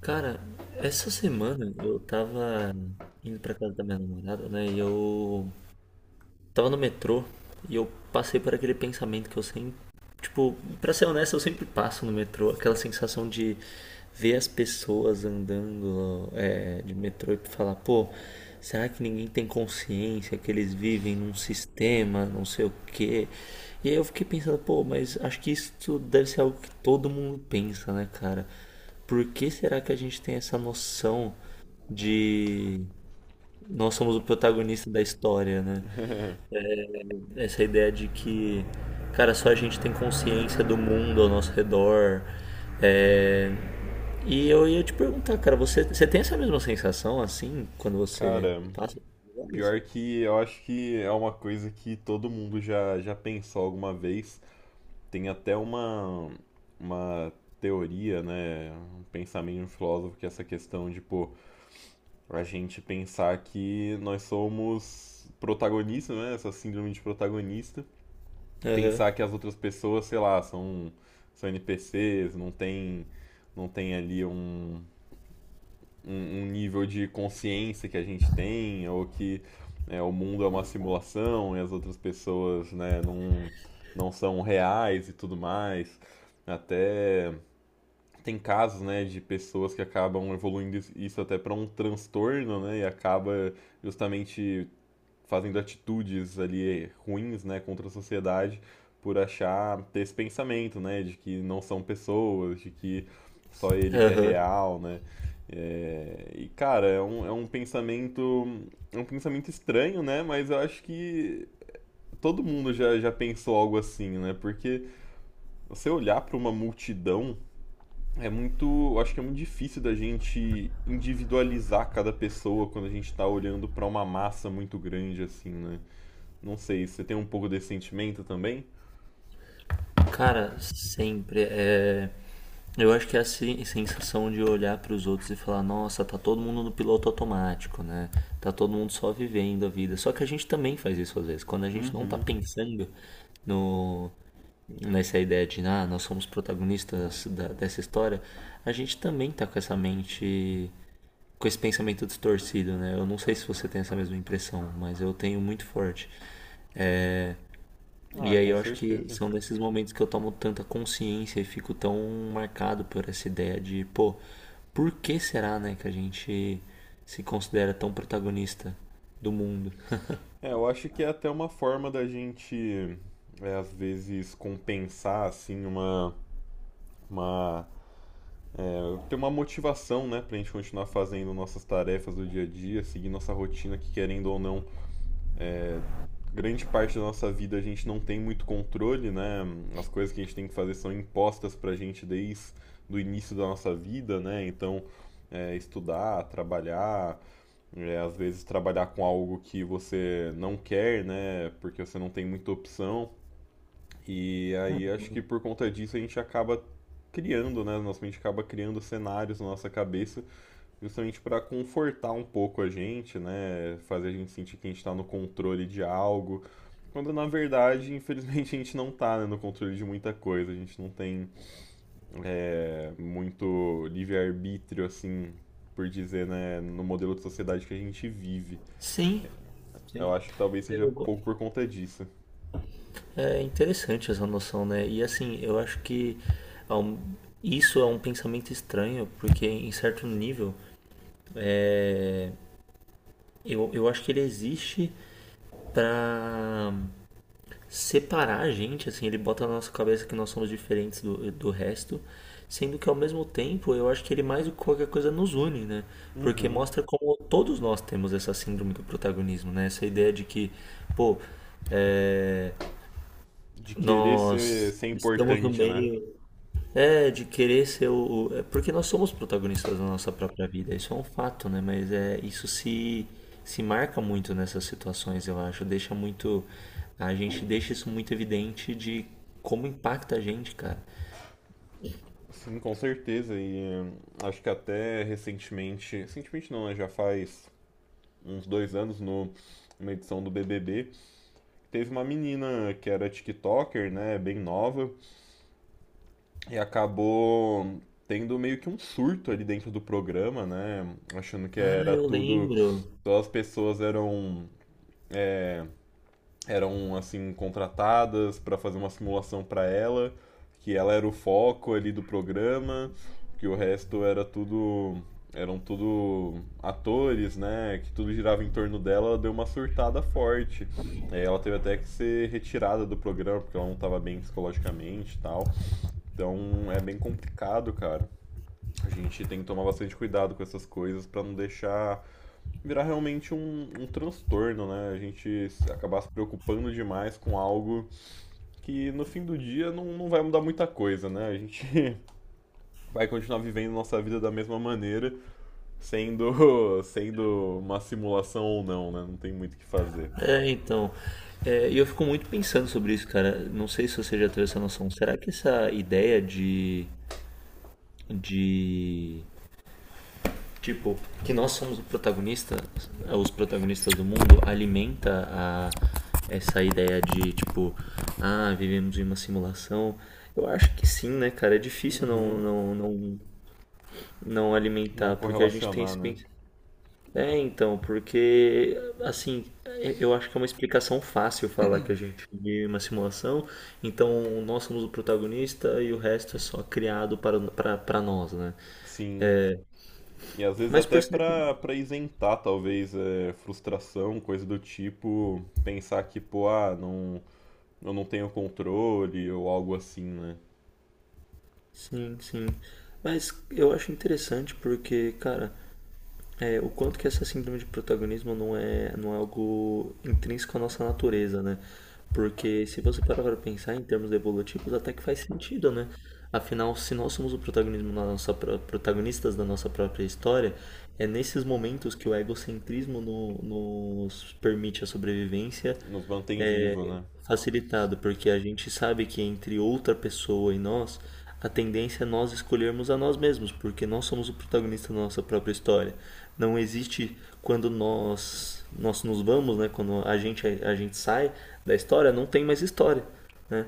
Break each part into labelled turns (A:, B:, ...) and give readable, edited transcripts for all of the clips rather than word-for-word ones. A: Cara, essa semana eu tava indo pra casa da minha namorada, né? E eu tava no metrô e eu passei por aquele pensamento que eu sempre. Tipo, pra ser honesto, eu sempre passo no metrô. Aquela sensação de ver as pessoas andando de metrô e falar, pô, será que ninguém tem consciência que eles vivem num sistema, não sei o quê? E aí eu fiquei pensando, pô, mas acho que isso deve ser algo que todo mundo pensa, né, cara? Por que será que a gente tem essa noção de nós somos o protagonista da história, né? Essa ideia de que, cara, só a gente tem consciência do mundo ao nosso redor. É, E eu ia te perguntar, cara, você tem essa mesma sensação assim quando você
B: Cara,
A: passa por lugares?
B: pior que eu acho que é uma coisa que todo mundo já pensou alguma vez. Tem até uma teoria, né? Um pensamento de um filósofo que é essa questão de, pô, a gente pensar que nós somos protagonistas, né? Essa síndrome de protagonista.
A: Aham,
B: Pensar que as outras pessoas, sei lá, são NPCs, não tem ali um nível de consciência que a gente tem, ou que né, o mundo é uma simulação e as outras pessoas né, não são reais e tudo mais. Até tem casos né, de pessoas que acabam evoluindo isso até para um transtorno né, e acaba justamente fazendo atitudes ali ruins, né, contra a sociedade por achar ter esse pensamento, né, de que não são pessoas, de que só ele que é
A: aham.
B: real, né? É, e cara, é um pensamento estranho, né? Mas eu acho que todo mundo já pensou algo assim, né? Porque você olhar para uma multidão é muito, eu acho que é muito difícil da gente individualizar cada pessoa quando a gente tá olhando para uma massa muito grande assim, né? Não sei, você tem um pouco desse sentimento também?
A: Cara, sempre. Eu acho que é a sensação de olhar para os outros e falar: nossa, tá todo mundo no piloto automático, né? Tá todo mundo só vivendo a vida. Só que a gente também faz isso às vezes, quando a gente não tá
B: Uhum.
A: pensando no. Nessa ideia de, ah, nós somos protagonistas dessa história, a gente também tá com essa mente, com esse pensamento distorcido, né? Eu não sei se você tem essa mesma impressão, mas eu tenho muito forte. É,
B: Ah,
A: e aí
B: com
A: eu acho que
B: certeza.
A: são nesses momentos que eu tomo tanta consciência e fico tão marcado por essa ideia de, pô, por que será, né, que a gente se considera tão protagonista do mundo?
B: É, eu acho que é até uma forma da gente, é, às vezes, compensar, assim, uma... ter uma motivação, né, pra gente continuar fazendo nossas tarefas do dia a dia, seguir nossa rotina, que querendo ou não, grande parte da nossa vida a gente não tem muito controle, né? As coisas que a gente tem que fazer são impostas pra gente desde do início da nossa vida, né? Então, é, estudar, trabalhar, é, às vezes trabalhar com algo que você não quer, né? Porque você não tem muita opção. E aí acho que por conta disso a gente acaba criando, né? Nossa mente acaba criando cenários na nossa cabeça, justamente para confortar um pouco a gente, né? Fazer a gente sentir que a gente está no controle de algo, quando na verdade, infelizmente, a gente não tá, né, no controle de muita coisa, a gente não tem é, muito livre-arbítrio, assim, por dizer, né, no modelo de sociedade que a gente vive.
A: Sim,
B: Eu acho que talvez seja pouco por conta disso.
A: é interessante essa noção, né? E assim, eu acho que ao- isso é um pensamento estranho, porque em certo nível eu acho que ele existe para separar a gente, assim, ele bota na nossa cabeça que nós somos diferentes do resto, sendo que ao mesmo tempo eu acho que ele mais do que qualquer coisa nos une, né? Porque
B: Uhum.
A: mostra como todos nós temos essa síndrome do protagonismo, né? Essa ideia de que, pô, é,
B: De querer ser,
A: nós
B: ser
A: estamos no
B: importante, né?
A: meio, é, de querer ser porque nós somos protagonistas da nossa própria vida, isso é um fato, né? Mas é, isso se marca muito nessas situações, eu acho. Deixa muito. A gente deixa isso muito evidente de como impacta a gente, cara.
B: Sim, com certeza. E acho que até recentemente não, né? Já faz uns dois anos no, numa edição do BBB, teve uma menina que era TikToker, né? Bem nova, e acabou tendo meio que um surto ali dentro do programa, né? Achando que
A: Ah,
B: era
A: eu
B: tudo.
A: lembro.
B: Todas as pessoas eram assim contratadas para fazer uma simulação para ela, que ela era o foco ali do programa, que o resto eram tudo atores, né? Que tudo girava em torno dela, ela deu uma surtada forte. É, ela teve até que ser retirada do programa porque ela não estava bem psicologicamente e tal. Então é bem complicado, cara. A gente tem que tomar bastante cuidado com essas coisas para não deixar virar realmente um transtorno, né? A gente acabar se preocupando demais com algo que no fim do dia não vai mudar muita coisa, né? A gente vai continuar vivendo nossa vida da mesma maneira, sendo, sendo uma simulação ou não, né? Não tem muito o que fazer.
A: É, então. É, e eu fico muito pensando sobre isso, cara. Não sei se você já teve essa noção. Será que essa ideia de. De tipo, que nós somos o protagonista, os protagonistas do mundo, alimenta a, essa ideia de, tipo, ah, vivemos em uma simulação. Eu acho que sim, né, cara? É difícil
B: Uhum.
A: não
B: Não
A: alimentar, porque a gente tem
B: correlacionar,
A: esse
B: né?
A: é, então, porque, assim, é, eu acho que é uma explicação fácil falar que a gente vive uma simulação, então nós somos o protagonista e o resto é só criado para nós, né?
B: Sim. E às vezes
A: Mas
B: até
A: percebe,
B: pra isentar, talvez, é, frustração, coisa do tipo, pensar que, pô, ah, não, eu não tenho controle ou algo assim, né?
A: sim, sim. Mas eu acho interessante porque, cara, é, o quanto que essa síndrome de protagonismo não é algo intrínseco à nossa natureza, né? Porque se você parar para pensar em termos evolutivos, até que faz sentido, né? Afinal, se nós somos o protagonismo na nossa, protagonistas da nossa própria história, é nesses momentos que o egocentrismo nos permite a sobrevivência
B: Nos mantém vivo,
A: é
B: né?
A: facilitado, porque a gente sabe que entre outra pessoa e nós, a tendência é nós escolhermos a nós mesmos, porque nós somos o protagonista da nossa própria história. Não existe quando nós nos vamos, né, quando a gente sai da história, não tem mais história, né,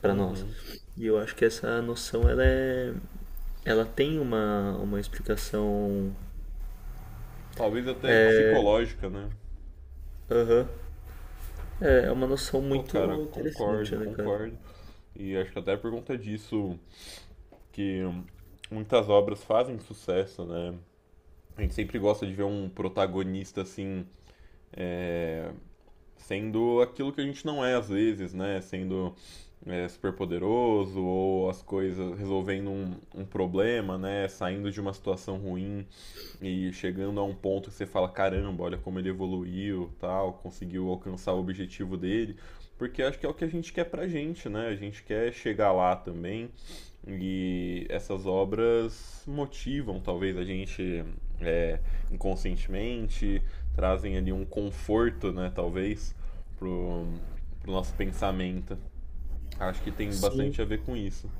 A: para nós.
B: Uhum.
A: E eu acho que essa noção ela tem uma explicação.
B: Talvez até psicológica, né?
A: Aham. É é uma noção
B: Pô,
A: muito
B: cara,
A: interessante,
B: concordo,
A: né, cara?
B: concordo. E acho que até por conta disso que muitas obras fazem sucesso, né? A gente sempre gosta de ver um protagonista assim, sendo aquilo que a gente não é às vezes, né? Sendo é, super poderoso ou as coisas resolvendo um problema, né? Saindo de uma situação ruim e chegando a um ponto que você fala, caramba, olha como ele evoluiu, tal, conseguiu alcançar o objetivo dele, porque acho que é o que a gente quer pra gente, né? A gente quer chegar lá também. E essas obras motivam, talvez, a gente é, inconscientemente, trazem ali um conforto, né, talvez, pro, pro nosso pensamento. Acho que tem
A: Sim,
B: bastante a ver com isso.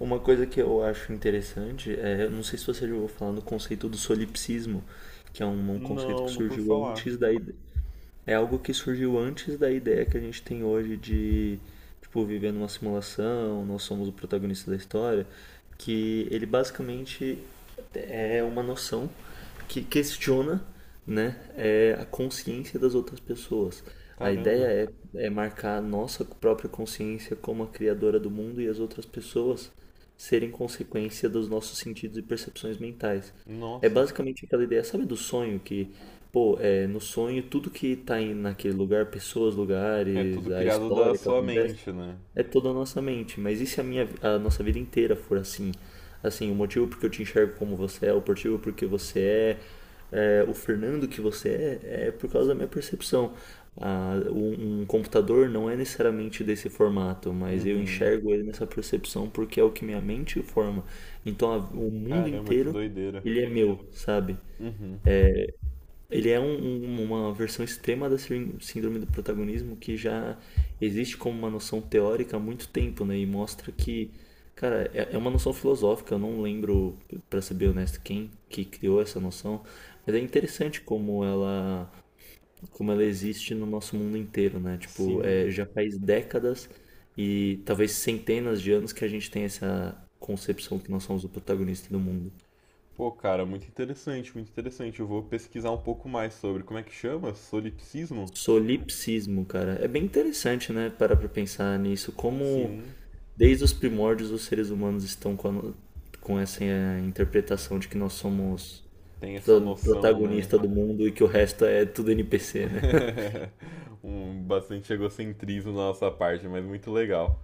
A: uma coisa que eu acho interessante é, eu não sei se você já ouviu falar no conceito do solipsismo, que é um conceito que
B: Não curto
A: surgiu
B: falar.
A: antes da, é algo que surgiu antes da ideia que a gente tem hoje de, tipo, viver numa simulação, nós somos o protagonista da história, que ele basicamente é uma noção que questiona, né, é, a consciência das outras pessoas. A
B: Caramba.
A: ideia é marcar a nossa própria consciência como a criadora do mundo e as outras pessoas serem consequência dos nossos sentidos e percepções mentais. É
B: Nossa.
A: basicamente aquela ideia, sabe do sonho que pô, é, no sonho, tudo que tá aí naquele lugar, pessoas,
B: É tudo
A: lugares, a
B: criado da
A: história que
B: sua
A: acontece,
B: mente, né?
A: é toda a nossa mente. Mas e se a nossa vida inteira for assim? Assim, o motivo porque eu te enxergo como você é, o motivo porque você o Fernando que você é, é por causa da minha percepção. Ah, um computador não é necessariamente desse formato, mas eu
B: Uhum.
A: enxergo ele nessa percepção porque é o que minha mente forma. Então, o mundo
B: Caramba, que
A: inteiro,
B: doideira.
A: ele é meu, sabe?
B: Uhum.
A: Ele é uma versão extrema da síndrome do protagonismo que já existe como uma noção teórica há muito tempo, né? E mostra que, cara, é uma noção filosófica. Eu não lembro, pra ser bem honesto, quem que criou essa noção, mas é interessante como ela existe no nosso mundo inteiro, né? Tipo, é,
B: Sim.
A: já faz décadas e talvez centenas de anos que a gente tem essa concepção que nós somos o protagonista do mundo.
B: Pô, cara, muito interessante, muito interessante. Eu vou pesquisar um pouco mais sobre. Como é que chama? Solipsismo?
A: Solipsismo, cara. É bem interessante, né? Parar pra pensar nisso. Como
B: Sim,
A: desde os primórdios os seres humanos estão com, com essa interpretação de que nós somos
B: tem essa noção, né?
A: protagonista do mundo e que o resto é tudo NPC, né?
B: Um bastante egocentrismo da nossa parte, mas muito legal.